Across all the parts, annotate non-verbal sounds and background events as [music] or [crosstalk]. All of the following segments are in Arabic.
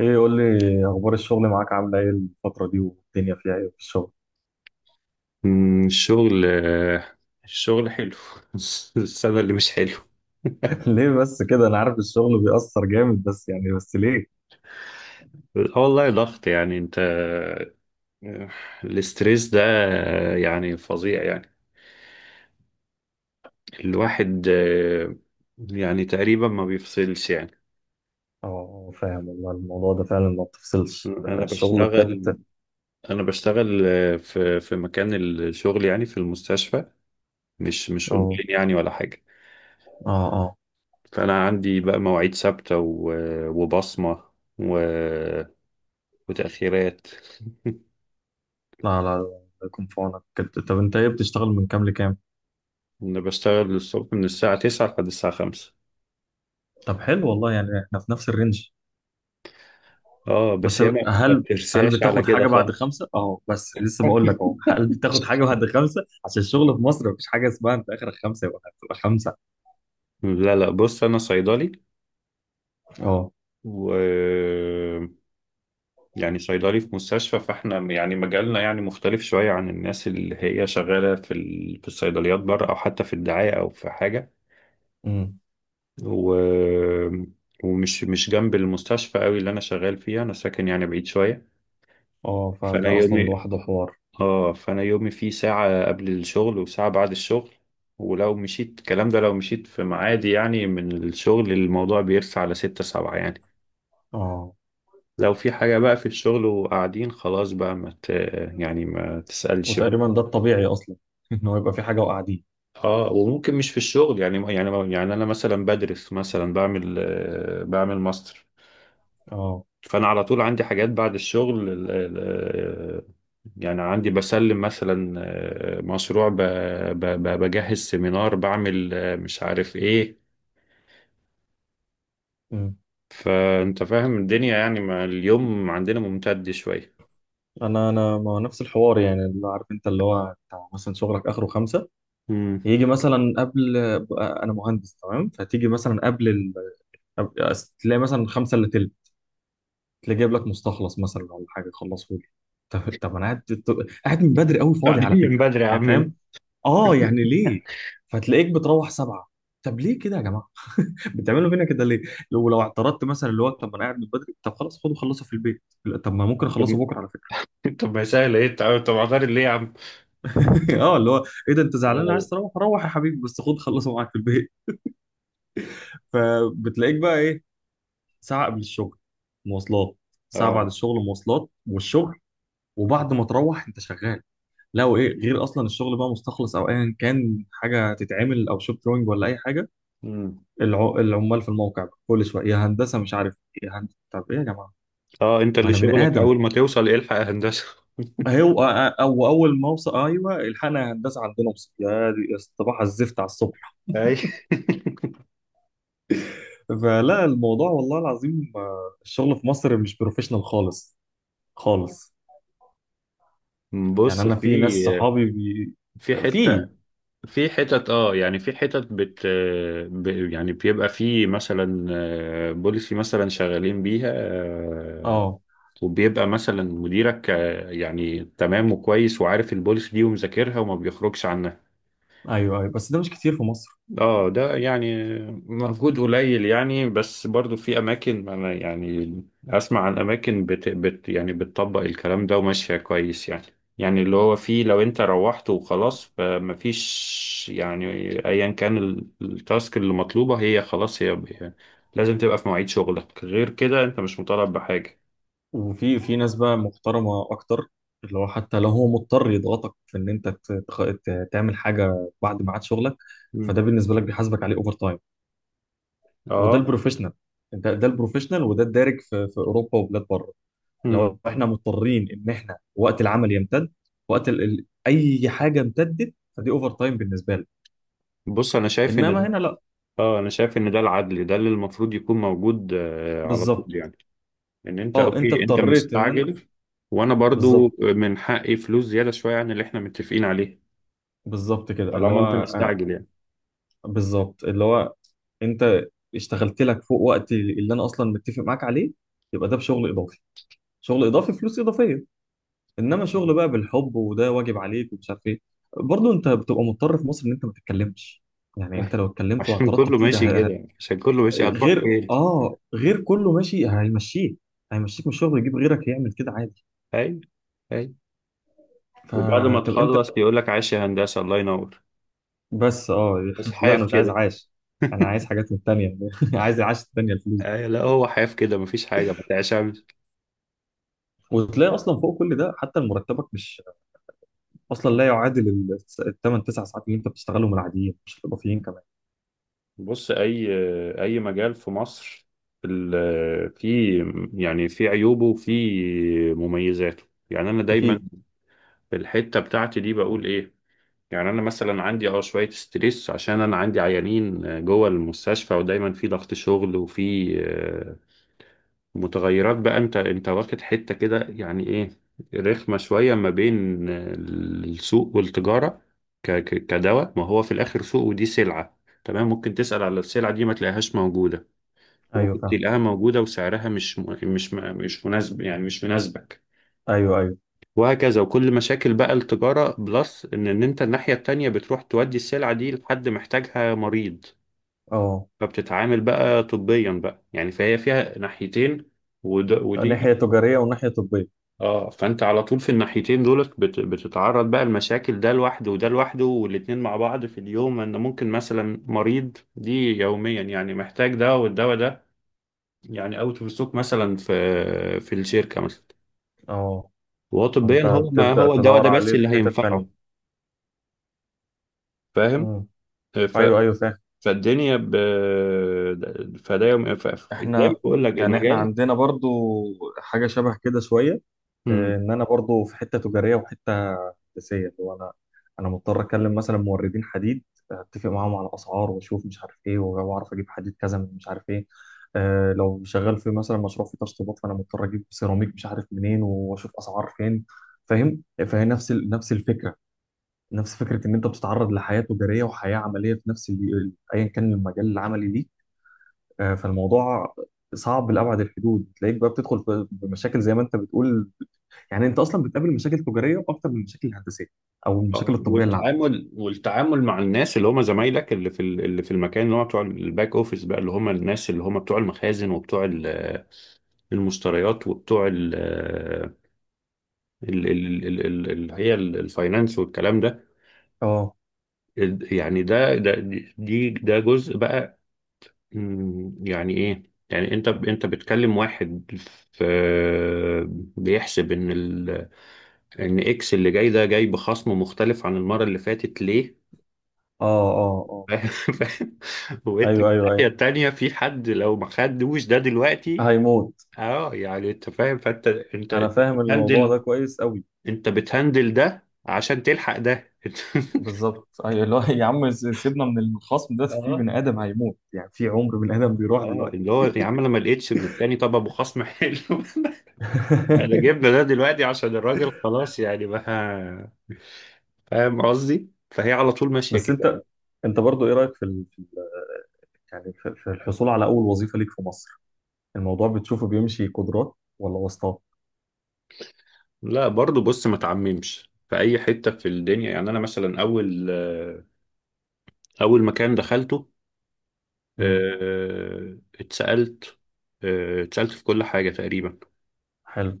ايه، قول لي اخبار الشغل معاك، عامله ايه الفتره دي؟ والدنيا فيها ايه في الشغل؟ مم، الشغل آه، الشغل حلو. [laughs] السنة اللي مش حلو. [laughs] [laughs] ليه بس كده؟ انا عارف الشغل بيأثر جامد، بس ليه؟ والله ضغط يعني انت آه، الاسترس ده يعني فظيع يعني الواحد يعني تقريبا ما بيفصلش يعني. اه، فاهم والله. الموضوع ده فعلا ما بتفصلش. انا الشغل بشتغل بجد. انا بشتغل آه، في مكان الشغل يعني في المستشفى، مش اه، اونلاين يعني ولا حاجة. اه، اه. فانا عندي بقى مواعيد ثابتة وبصمة و- وتأخيرات. [laughs] لا، لا، لا، الله يكون في عونك كده. طب انت ايه بتشتغل؟ من كام لكام؟ انا بشتغل الصبح من الساعة 9 لحد الساعة 5. طب حلو والله، يعني احنا في نفس الرينج. اه بس بس، هي ما هل هل بترساش على بتاخد كده حاجه بعد خالص. خمسه؟ اه، بس لسه بقول لك اهو. [laughs] هل بتاخد حاجه بعد خمسه؟ عشان الشغل في مصر مفيش حاجه اسمها انت اخرك خمسه يبقى هتبقى خمسه. لا، لا، بص انا صيدلي، اه، و يعني صيدلي في مستشفى، فاحنا يعني مجالنا يعني مختلف شوية عن الناس اللي هي شغالة في الصيدليات بره او حتى في الدعاية او في حاجة. و... ومش مش جنب المستشفى قوي اللي انا شغال فيها. انا ساكن يعني بعيد شوية، اه، فانا فده اصلا يومي لوحده حوار. اه فانا يومي فيه ساعة قبل الشغل وساعة بعد الشغل. ولو مشيت الكلام ده لو مشيت في ميعادي يعني من الشغل، الموضوع بيرسى على ستة سبعة يعني. اه، لو في حاجة بقى في الشغل وقاعدين خلاص بقى ما ت... يعني ما تسألش بقى. وتقريبا ده الطبيعي اصلا، [laughs] ان هو يبقى في حاجه وقاعدين. اه، وممكن مش في الشغل يعني، يعني انا مثلا بدرس، مثلا بعمل ماستر. اه، فانا على طول عندي حاجات بعد الشغل، يعني عندي بسلم مثلا مشروع، بجهز سيمينار، بعمل مش عارف ايه. أمم. فانت فاهم الدنيا يعني، ما اليوم عندنا ممتد شويه. انا ما هو نفس الحوار، يعني اللي عارف انت اللي هو بتاع مثلا شغلك اخره خمسة، امم يجي مثلا قبل. انا مهندس تمام، فتيجي مثلا قبل تلاقي مثلا خمسة الا تلت، تلاقي جايب لك مستخلص مثلا ولا حاجه خلصه لي. طب، انا قاعد من بدري قوي، فاضي على قاعدين من فكره، بدري يا يعني عم [laughs] انت. فاهم؟ اه، يعني ليه فتلاقيك بتروح سبعة؟ طب ليه كده يا جماعه؟ بتعملوا فينا كده ليه؟ لو اعترضت مثلا اللي هو: طب ما انا قاعد من بدري، طب خلاص خدوا خلصوا في البيت. لا، طب ما ممكن اخلصه طب بكره على فكره. طب ما سهل ايه. طب عطارد ليه يا عم. [laughs] اه، اللي هو: ايه ده، انت زعلان؟ لا. عايز تروح روح يا حبيبي، بس خد خلصه معاك في البيت. [laughs] فبتلاقيك بقى ايه؟ ساعه قبل الشغل مواصلات، ساعه بعد اه. الشغل مواصلات، والشغل. وبعد ما تروح انت شغال. لا، وايه غير؟ اصلا الشغل بقى مستخلص او ايا كان حاجه تتعمل، او شوب دروينج ولا اي حاجه. امم العمال في الموقع بقى كل شويه: يا هندسه مش عارف إيه، يا هندسه طب ايه يا جماعه؟ اه، انت ما اللي انا بني شغلك ادم. اول ما توصل إيه الحق يا هندسه. هو او اول ما اوصل: ايوه الحقنا هندسه، عندنا وصل يا دي. صباح الزفت على الصبح. اي. [laughs] فلا، الموضوع والله العظيم الشغل في مصر مش بروفيشنال خالص، خالص. يعني بص، انا في في ناس صحابي بي... في حته، في. في حتت، يعني في حتت، ب- يعني بيبقى في مثلا بوليسي مثلا شغالين بيها اه، وبيبقى مثلا مديرك يعني تمام وكويس وعارف البوليسي دي ومذاكرها وما بيخرجش عنها. ايوه، ايوه، بس ده مش كتير في مصر. اه، ده يعني مجهود قليل يعني، بس برضو في اماكن، انا يعني اسمع عن اماكن بت بت يعني بتطبق الكلام ده وماشيه كويس يعني. يعني اللي هو فيه، لو انت روحت وخلاص فمفيش يعني. ايا كان التاسك اللي مطلوبه، هي خلاص، هي لازم تبقى في مواعيد شغلك. غير كده انت مش مطالب بحاجه. وفي ناس بقى محترمه اكتر، اللي هو حتى لو هو مضطر يضغطك في ان انت تعمل حاجه بعد ميعاد شغلك، فده مم. بالنسبه لك بيحاسبك عليه اوفر تايم. وده اه. البروفيشنال، ده البروفيشنال، وده الدارج في اوروبا وبلاد بره. مم. لو احنا مضطرين ان احنا وقت العمل يمتد، اي حاجه امتدت فدي اوفر تايم بالنسبه لك. بص، انا شايف ان انما هنا لا. ده العدل، ده اللي المفروض يكون موجود على بالظبط. طول يعني، ان انت اه، انت اوكي، انت اضطريت ان انا. مستعجل، وانا برضو بالظبط. من حقي فلوس زيادة شوية عن اللي احنا متفقين عليه، بالظبط كده اللي طالما انت هو مستعجل يعني. بالظبط، اللي هو انت اشتغلت لك فوق وقت اللي انا اصلا متفق معاك عليه. يبقى ده بشغل اضافي، شغل اضافي، فلوس اضافيه. انما شغل بقى بالحب وده واجب عليك ومش عارف ايه. برضه انت بتبقى مضطر في مصر ان انت ما تتكلمش. يعني انت لو [laughs] اتكلمت عشان واعترضت كله كتير، ماشي كده يعني. عشان كله ماشي هتروح غير فين؟ اه غير كله ماشي، هيمشيك من الشغل ويجيب غيرك يعمل كده عادي. اي، اي. وبعد ما فطب انت. تخلص يقول لك عايش يا هندسة، الله ينور، بس، اه. بس [laughs] لا، انا حايف مش عايز كده. عاش، انا عايز حاجات من التانية. [laughs] عايز العاش التانية، الفلوس دي. أي، لا، هو حايف كده، مفيش حاجة ما تعشمش. وتلاقي اصلا فوق كل ده حتى مرتبك مش، اصلا لا يعادل الثمان تسع ساعات اللي انت بتشتغلهم العاديين، مش الاضافيين كمان. بص، أي مجال في مصر في يعني في عيوبه وفي مميزاته. يعني أنا دايما اكيد. في الحتة بتاعتي دي بقول إيه؟ يعني انا مثلا عندي شويه ستريس، عشان انا عندي عيانين جوه المستشفى، ودايما في ضغط شغل وفي متغيرات. بقى انت واخد حته كده يعني ايه، رخمه شويه ما بين السوق والتجاره. كدواء ما هو في الاخر سوق، ودي سلعه، تمام، ممكن تسال على السلعه دي ما تلاقيهاش موجوده، ايوه، وممكن فاهم. تلاقيها موجوده وسعرها مش مناسب يعني مش مناسبك، ايوه، ايوه، وهكذا. وكل مشاكل بقى التجارة، بلس إن أنت الناحية التانية بتروح تودي السلعة دي لحد محتاجها مريض، اه. فبتتعامل بقى طبيا بقى يعني، فهي فيها ناحيتين. ناحية ودي، تجارية وناحية طبية. اه، فأنت على طول في الناحيتين دولت بتتعرض بقى المشاكل، ده لوحده وده لوحده والاتنين مع بعض في اليوم، إن ممكن مثلا مريض دي يوميا يعني محتاج ده، والدواء ده يعني أوت أوف ستوك مثلا، في الشركة مثلا، اه، وهو طبيا، فانت هو ما بتبدأ هو الدواء تدور ده بس عليه في اللي حتة تانية. هينفعه. فاهم؟ امم، ف... ايوه، ايوه، فاهم. فالدنيا فده يوم، زي ما احنا بقول لك احنا المجال. عندنا برضو حاجة شبه كده شوية. اه، مم. ان انا برضو في حتة تجارية وحتة هندسية، اللي هو انا مضطر اكلم مثلا موردين حديد، اتفق معاهم على اسعار واشوف مش عارف ايه، واعرف اجيب حديد كذا من مش عارف ايه. اه، لو شغال في مثلا مشروع فيه تشطيبات فانا مضطر اجيب سيراميك مش عارف منين واشوف اسعار فين. فاهم؟ فهي نفس الفكرة، نفس فكرة ان انت بتتعرض لحياة تجارية وحياة عملية في ايا كان المجال العملي ليك. فالموضوع صعب لأبعد الحدود. تلاقيك بقى بتدخل بمشاكل زي ما انت بتقول. يعني انت اصلا بتقابل مشاكل تجاريه اكتر من المشاكل الهندسيه او المشاكل اه، الطبيه اللي عندك. والتعامل مع الناس اللي هم زمايلك، اللي في المكان، اللي هم بتوع الباك اوفيس بقى، اللي هم الناس اللي هم بتوع المخازن وبتوع المشتريات وبتوع الفاينانس والكلام ده. اه، يعني ده جزء بقى. يعني ايه، يعني انت بتكلم واحد في بيحسب ان ال ان اكس اللي جاي ده جاي بخصم مختلف عن المرة اللي فاتت ليه. اه، اه، [laughs] اه. فاهم؟ وانت في ايوه، ايوه، الناحية ايوه، التانية في حد لو ما خدوش ده دلوقتي، هيموت. اه، يعني انت فاهم، فانت انت انا انت فاهم الموضوع ده بتهندل كويس قوي. انت بتهندل ده عشان تلحق ده. بالظبط، ايوه، اللي هو [laughs] يا عم سيبنا من الخصم ده، [laughs] في اه، بني ادم هيموت، يعني في عمر بني ادم بيروح اه، دلوقتي. اللي هو يا عم انا ما لقيتش من التاني طب ابو خصم حلو. [laughs] انا [laughs] جبنا ده دلوقتي عشان الراجل خلاص يعني بقى. فاهم قصدي؟ فهي على طول ماشية بس كده. انت برضو ايه رايك في ال... في ال... يعني في الحصول على اول وظيفه ليك في مصر؟ الموضوع بتشوفه بيمشي قدرات ولا واسطات؟ لا، برضو بص، ما تعممش في اي حته في الدنيا. يعني انا مثلا اول مكان دخلته، امم، آه، اتسالت اتسالت في كل حاجه تقريبا، حلو.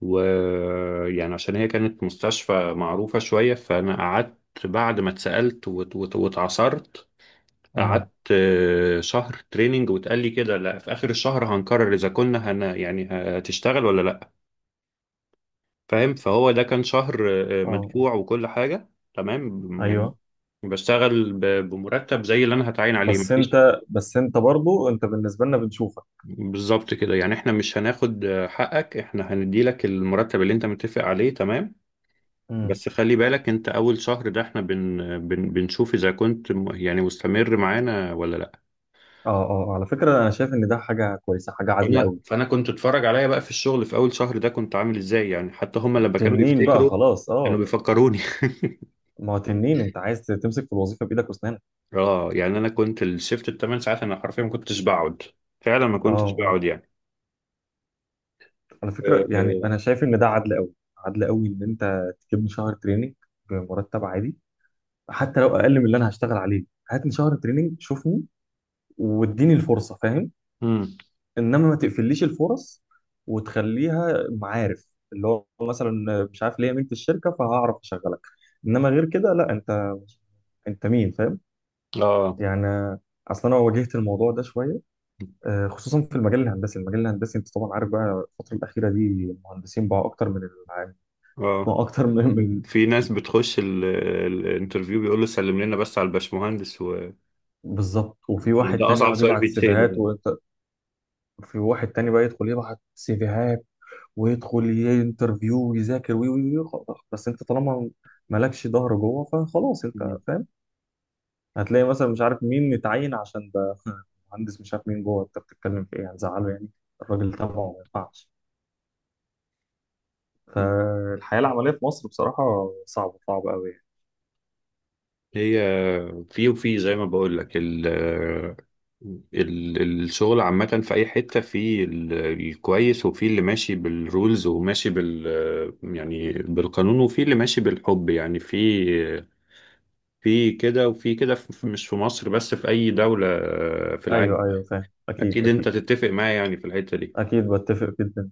ويعني عشان هي كانت مستشفى معروفه شويه، فانا قعدت بعد ما اتسالت واتعصرت، قعدت امم، شهر تريننج، واتقال لي كده، لا، في اخر الشهر هنقرر اذا كنا يعني هتشتغل ولا لا. فاهم؟ فهو ده كان شهر اه، آه. مدفوع وكل حاجه تمام يعني، ايوه، بشتغل بمرتب زي اللي انا هتعين عليه، بس مفيش انت بس انت برضو بالنسبه لنا بنشوفك. بالظبط كده يعني، احنا مش هناخد حقك، احنا هندي لك المرتب اللي انت متفق عليه، تمام، امم، بس خلي بالك انت اول شهر ده احنا بن بن بنشوف اذا كنت يعني مستمر معانا ولا لا. اه، اه، على فكره انا شايف ان ده حاجه كويسه، حاجه عادله فانا قوي. فانا كنت اتفرج عليا بقى في الشغل في اول شهر ده كنت عامل ازاي يعني، حتى هم لما كانوا تنين بقى يفتكروا خلاص، كانوا اه. بيفكروني. [laughs] ما هو تنين، انت عايز تمسك في الوظيفه بايدك واسنانك. اه، يعني انا كنت الشيفت الـ 8 ساعات انا حرفيا ما كنتش بقعد، فعلا ما اه، كنتش اه، بقعد يعني. على آه، فكره، يعني آه، انا شايف ان ده عدل قوي، عدل قوي، ان انت تجيبني شهر تريننج بمرتب عادي، حتى لو اقل من اللي انا هشتغل عليه. هاتني شهر تريننج، شوفني، واديني الفرصه، فاهم؟ امم انما ما تقفليش الفرص وتخليها معارف، اللي هو مثلا مش عارف ليا مين في الشركه فهعرف اشغلك. انما غير كده لا، انت مين؟ فاهم اه يعني؟ اصلا انا واجهت الموضوع ده شويه، خصوصا في المجال الهندسي انت طبعا عارف بقى الفتره الاخيره دي المهندسين بقى اكتر من العام اه بقى. [laughs] اكتر من في ناس بتخش الانترفيو، بيقول له سلم لنا بس على الباشمهندس بالظبط. وفي وخلاص، واحد ده تاني اصعب يقعد سؤال يبعت بيتساله سيفيهات، يعني. وفي واحد تاني بقى يدخل يبعت سيفيهات ويدخل ينترفيو ويذاكر وي وي وي خلاص. بس انت طالما مالكش ظهر جوه فخلاص انت، فاهم؟ هتلاقي مثلا مش عارف مين متعين عشان ده [laughs] مهندس مش عارف مين جوه، انت بتتكلم في ايه؟ هتزعله يعني، الراجل تبعه ما ينفعش. مم. فالحياه العمليه في مصر بصراحه صعبه، صعبه قوي يعني. هي في وفي زي ما بقول لك الشغل عامة في أي حتة، في الكويس، وفي اللي ماشي بالرولز وماشي يعني بالقانون، وفي اللي ماشي بالحب يعني، في كده وفي كده، مش في مصر بس، في أي دولة في العالم. ايوه، ايوه، فاهم. اكيد، أكيد أنت اكيد. تتفق معايا يعني في الحتة دي. اكيد بتفق جدا.